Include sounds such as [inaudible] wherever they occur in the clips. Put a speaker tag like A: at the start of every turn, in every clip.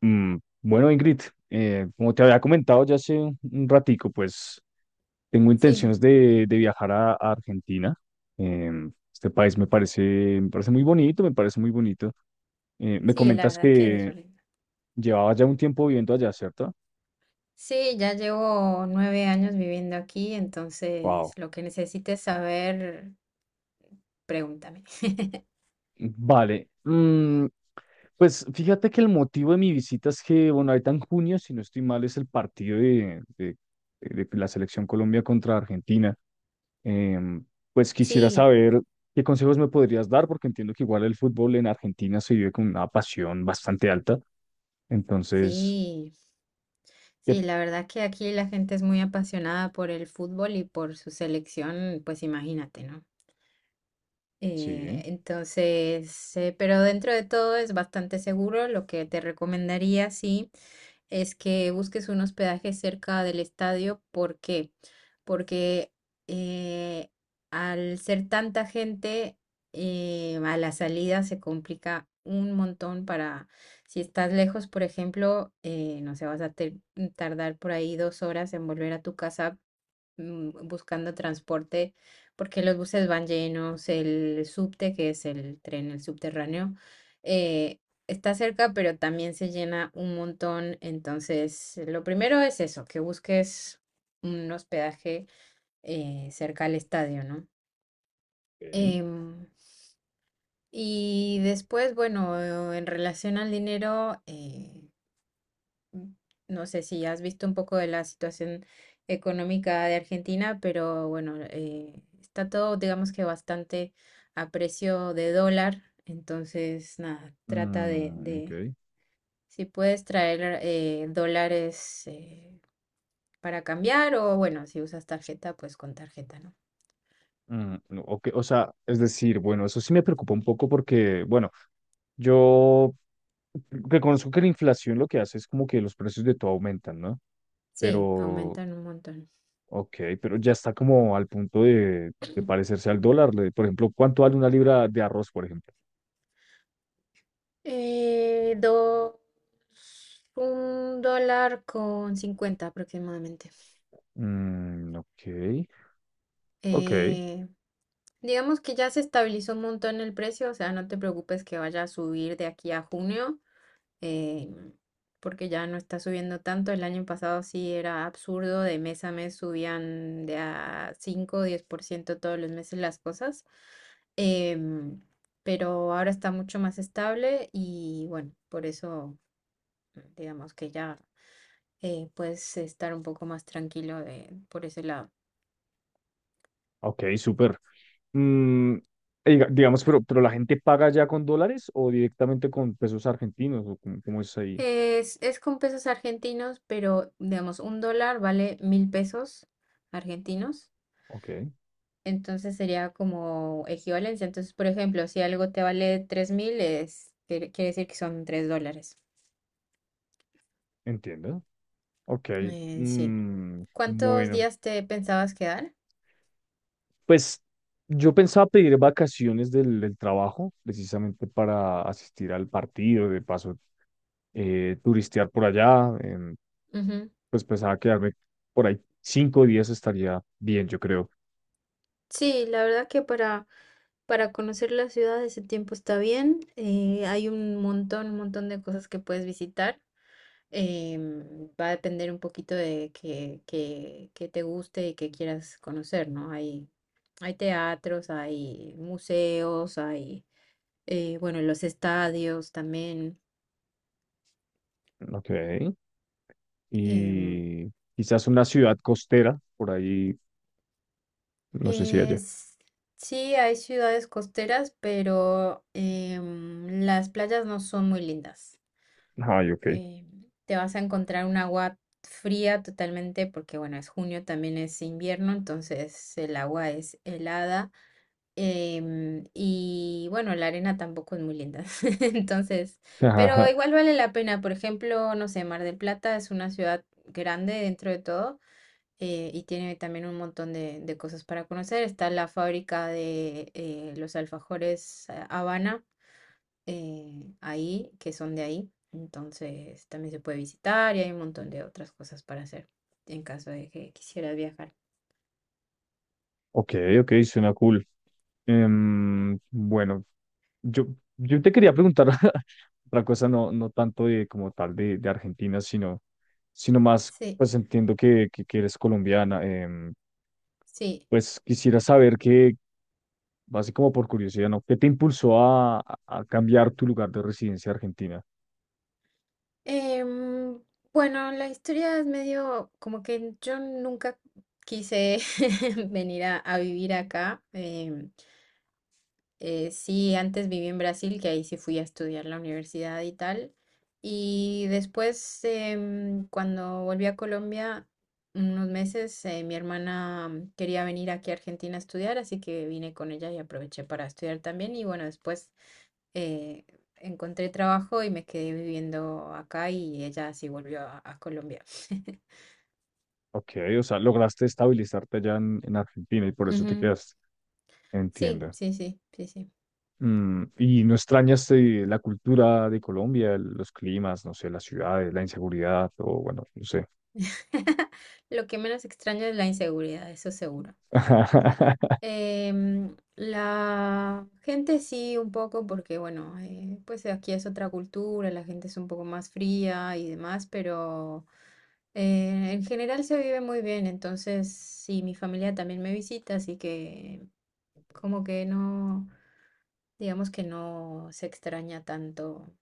A: Mm, bueno, Ingrid, como te había comentado ya hace un ratico, pues tengo
B: Sí,
A: intenciones de viajar a Argentina. Este país me parece muy bonito, me parece muy bonito. Me
B: sí, la
A: comentas
B: verdad que es
A: que
B: re lindo.
A: llevabas ya un tiempo viviendo allá, ¿cierto?
B: Sí, ya llevo 9 años viviendo aquí,
A: Wow.
B: entonces lo que necesites saber, pregúntame. [laughs]
A: Vale. Pues fíjate que el motivo de mi visita es que, bueno, ahorita en junio, si no estoy mal, es el partido de de la selección Colombia contra Argentina. Em, pues quisiera
B: Sí,
A: saber qué consejos me podrías dar, porque entiendo que igual el fútbol en Argentina se vive con una pasión bastante alta. Entonces,
B: sí,
A: ¿qué-
B: sí, la verdad que aquí la gente es muy apasionada por el fútbol y por su selección, pues imagínate, ¿no?
A: sí,
B: Entonces, pero dentro de todo es bastante seguro. Lo que te recomendaría, sí, es que busques un hospedaje cerca del estadio. ¿Por qué? Porque eh, al ser tanta gente, a la salida se complica un montón para, si estás lejos, por ejemplo, no sé, tardar por ahí 2 horas en volver a tu casa, buscando transporte, porque los buses van llenos, el subte, que es el tren, el subterráneo, eh, está cerca, pero también se llena un montón. Entonces, lo primero es eso, que busques un hospedaje, cerca al estadio, ¿no?
A: ok.
B: Em, y después, bueno, en relación al dinero, mm, no sé si has visto un poco de la situación económica de Argentina, pero bueno, está todo, digamos que bastante a precio de dólar. Entonces, nada, trata de,
A: Mm, ok.
B: de si puedes traer, dólares, para cambiar o bueno, si usas tarjeta, pues con tarjeta, ¿no?
A: Mm, no, ok. O sea, es decir, bueno, eso sí me preocupa un poco porque, bueno, yo reconozco que la inflación lo que hace es como que los precios de todo aumentan, ¿no?
B: Sí,
A: Pero,
B: aumentan un montón.
A: ok, pero ya está como al punto de parecerse al dólar. Por ejemplo, ¿cuánto vale una libra de arroz, por ejemplo?
B: Eh, dos, un dólar con 50 aproximadamente.
A: Mm, ok, ok,
B: Eh, Digamos que ya se estabilizó un montón el precio, o sea, no te preocupes que vaya a subir de aquí a junio, eh, porque ya no está subiendo tanto. El año pasado sí era absurdo, de mes a mes subían de a 5 o 10% todos los meses las cosas, em, pero ahora está mucho más estable y bueno, por eso digamos que ya, puedes estar un poco más tranquilo de, por ese lado.
A: ok, súper. Mm, digamos, pero la gente paga ya con dólares o directamente con pesos argentinos o cómo es ahí.
B: Es con pesos argentinos, pero digamos, un dólar vale 1000 pesos argentinos.
A: Ok,
B: Entonces sería como equivalencia. Entonces, por ejemplo, si algo te vale 3000, es, quiere, quiere decir que son $3.
A: entiendo. Ok,
B: Sí. ¿Cuántos
A: bueno,
B: días te pensabas quedar?
A: pues yo pensaba pedir vacaciones del trabajo precisamente para asistir al partido, de paso, turistear por allá,
B: Ujú.
A: pues pensaba quedarme por ahí 5 días estaría bien, yo creo.
B: Sí, la verdad que para conocer la ciudad ese tiempo está bien. Hay un montón de cosas que puedes visitar. Va a depender un poquito de que te guste y que quieras conocer, ¿no? Hay teatros, hay museos, hay, bueno, los estadios también.
A: Ok.
B: em,
A: Y quizás una ciudad costera, por ahí, no sé si allá.
B: es, sí, hay ciudades costeras, pero las playas no son muy lindas.
A: Ay, ok.
B: Te vas a encontrar un agua fría totalmente porque, bueno, es junio, también es invierno, entonces el agua es helada. Y bueno, la arena tampoco es muy linda. [laughs] Entonces, pero
A: [laughs]
B: igual vale la pena. Por ejemplo, no sé, Mar del Plata es una ciudad grande dentro de todo, y tiene también un montón de cosas para conocer. Está la fábrica de, los alfajores, Habana, ahí, que son de ahí. Entonces, también se puede visitar y hay un montón de otras cosas para hacer en caso de que quisieras viajar.
A: Ok, ok, suena cool. Bueno, yo, yo te quería preguntar [laughs] otra cosa, no, no tanto de como tal de Argentina, sino más,
B: Sí,
A: pues entiendo que eres colombiana.
B: sí.
A: Pues quisiera saber que, así como por curiosidad, ¿no? ¿Qué te impulsó a cambiar tu lugar de residencia a Argentina?
B: Em, bueno, la historia es medio como que yo nunca quise [laughs] venir a vivir acá. Sí, antes viví en Brasil, que ahí sí fui a estudiar la universidad y tal. Y después, cuando volví a Colombia, unos meses, mi hermana, quería venir aquí a Argentina a estudiar, así que vine con ella y aproveché para estudiar también. Y bueno, después, eh, encontré trabajo y me quedé viviendo acá y ella sí volvió a Colombia. [laughs]
A: Ok, o sea, lograste estabilizarte allá en Argentina y por eso te
B: Ujú.
A: quedaste.
B: Sí,
A: Entiendo.
B: sí, sí, sí, sí.
A: ¿Y no extrañaste la cultura de Colombia, los climas, no sé, las ciudades, la inseguridad o bueno, no sé?
B: [laughs] Lo que menos extraño es la inseguridad, eso seguro.
A: [laughs]
B: La gente sí, un poco, porque bueno, pues aquí es otra cultura, la gente es un poco más fría y demás, pero, en general se vive muy bien, entonces sí, mi familia también me visita, así que como que no, digamos que no se extraña tanto.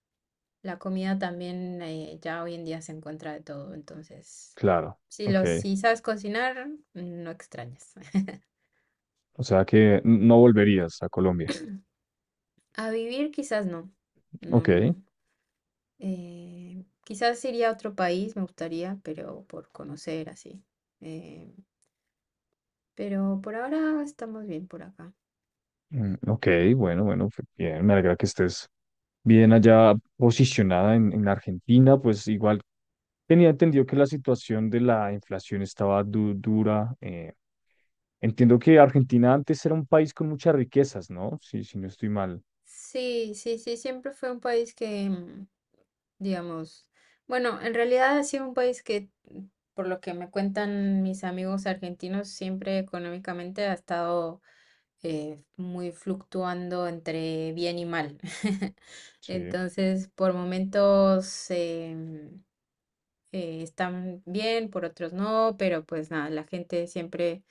B: La comida también, ya hoy en día se encuentra de todo, entonces
A: Claro, ok.
B: si sabes cocinar, no extrañas. [laughs]
A: O sea que no volverías a Colombia.
B: A vivir quizás no. No,
A: Ok,
B: no, no. Quizás iría a otro país, me gustaría, pero por conocer así. Eh, pero por ahora estamos bien por acá.
A: mm, ok, bueno, bueno, bien, me alegra que estés bien allá posicionada en Argentina, pues igual tenía entendido que la situación de la inflación estaba dura. Entiendo que Argentina antes era un país con muchas riquezas, ¿no? Sí, si no estoy mal.
B: Sí, sí, sí, siempre fue un país que, digamos, bueno, en realidad ha sido un país que, por lo que me cuentan mis amigos argentinos, siempre económicamente ha estado, muy fluctuando entre bien y mal. [laughs]
A: Sí.
B: Entonces, por momentos, están bien, por otros no, pero pues nada, la gente siempre,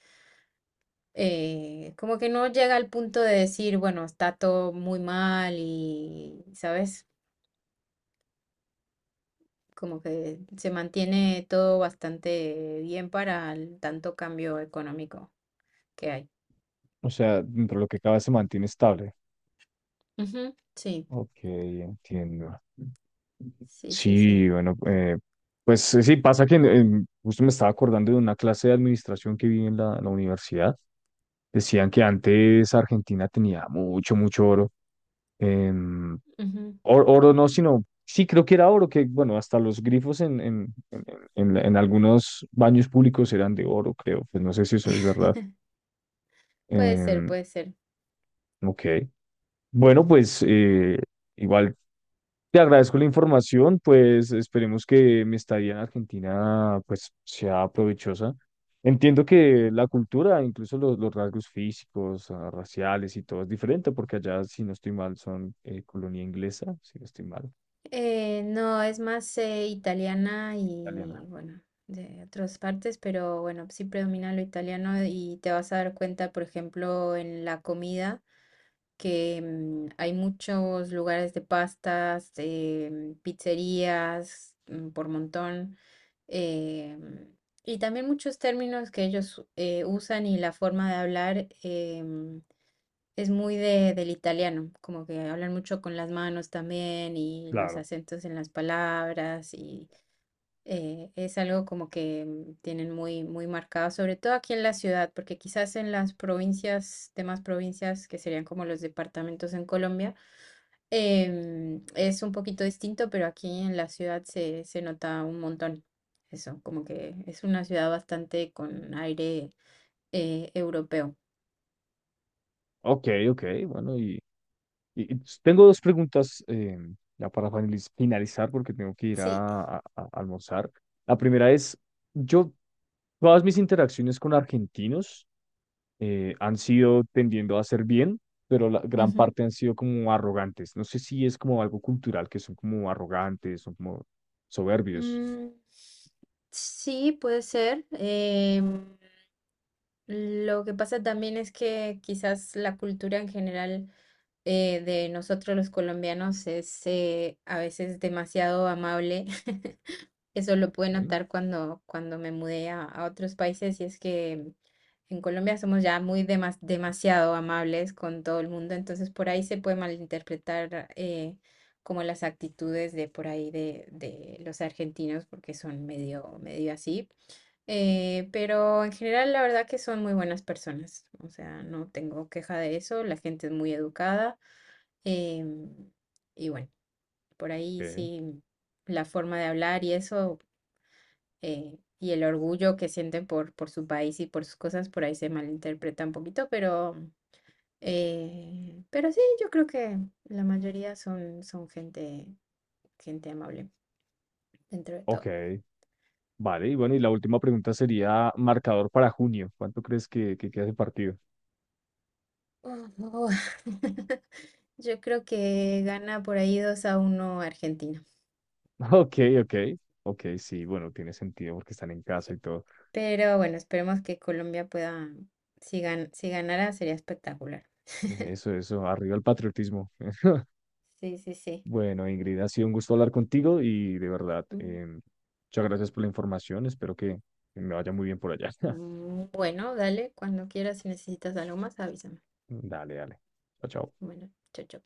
B: como que no llega al punto de decir, bueno, está todo muy mal y, ¿sabes? Como que se mantiene todo bastante bien para el tanto cambio económico que hay.
A: O sea, dentro de lo que cabe se mantiene estable.
B: Ujú. Sí,
A: Ok, entiendo.
B: sí, sí, sí.
A: Sí, bueno, pues sí, pasa que justo me estaba acordando de una clase de administración que vi en la universidad. Decían que antes Argentina tenía mucho, mucho oro. em,
B: Ujú.
A: Oro no, sino, sí, creo que era oro, que bueno, hasta los grifos en algunos baños públicos eran de oro, creo. Pues no sé si eso es verdad.
B: Puede ser,
A: Em,
B: puede ser.
A: ok. Bueno, pues igual. Te agradezco la información, pues esperemos que mi estadía en Argentina pues sea provechosa. Entiendo que la cultura, incluso los rasgos físicos, ah, raciales y todo es diferente, porque allá, si no estoy mal, son colonia inglesa, si no estoy mal,
B: No, es más, italiana
A: italiana.
B: y bueno, de otras partes, pero bueno, sí predomina lo italiano y te vas a dar cuenta, por ejemplo, en la comida, que, hay muchos lugares de pastas, pizzerías, por montón, em, y también muchos términos que ellos, usan y la forma de hablar. Es muy del italiano, como que hablan mucho con las manos también y los
A: Claro.
B: acentos en las palabras y, es algo como que, tienen muy, muy marcado, sobre todo aquí en la ciudad, porque quizás en las provincias, demás provincias que serían como los departamentos en Colombia, es un poquito distinto, pero aquí en la ciudad se nota un montón. Eso, como que es una ciudad bastante con aire, europeo.
A: Ok, ok, bueno, y tengo dos preguntas ya para finalizar, porque tengo que ir
B: Sí.
A: a almorzar. La primera es, yo, todas mis interacciones con argentinos, han sido tendiendo a hacer bien, pero la gran parte han sido como arrogantes. No sé si es como algo cultural, que son como arrogantes, son como soberbios.
B: Mm, sí, puede ser. Lo que pasa también es que quizás la cultura en general, de nosotros los colombianos es, a veces demasiado amable. [laughs] Eso lo pude
A: Ok,
B: notar cuando me mudé a otros países y es que en Colombia somos ya muy demasiado amables con todo el mundo, entonces por ahí se puede malinterpretar, como las actitudes de por ahí de los argentinos porque son medio, medio así, pero en general la verdad que son muy buenas personas, o sea, no tengo queja de eso, la gente es muy educada, em, y bueno, por ahí
A: ok,
B: sí la forma de hablar y eso, y el orgullo que sienten por su país y por sus cosas, por ahí se malinterpreta un poquito, pero sí, yo creo que la mayoría son, gente amable dentro de todo.
A: ok. Vale, y bueno, y la última pregunta sería marcador para junio. ¿Cuánto crees que queda de partido?
B: Oh, oh. [laughs] Yo creo que gana por ahí 2-1 Argentina.
A: [laughs] Ok, ok, ok, sí, bueno, tiene sentido porque están en casa y todo.
B: Pero bueno, esperemos que Colombia pueda, si ganara sería espectacular.
A: Eso, arriba el patriotismo. [laughs]
B: Sí, sí, sí.
A: Bueno, Ingrid, ha sido un gusto hablar contigo y de verdad,
B: Mm,
A: muchas gracias por la información. Espero que me vaya muy bien por allá. [laughs]
B: mm, bueno, dale, cuando quieras, si necesitas algo más, avísame.
A: Dale, dale. Chao, chao.
B: Bueno, chao, chao.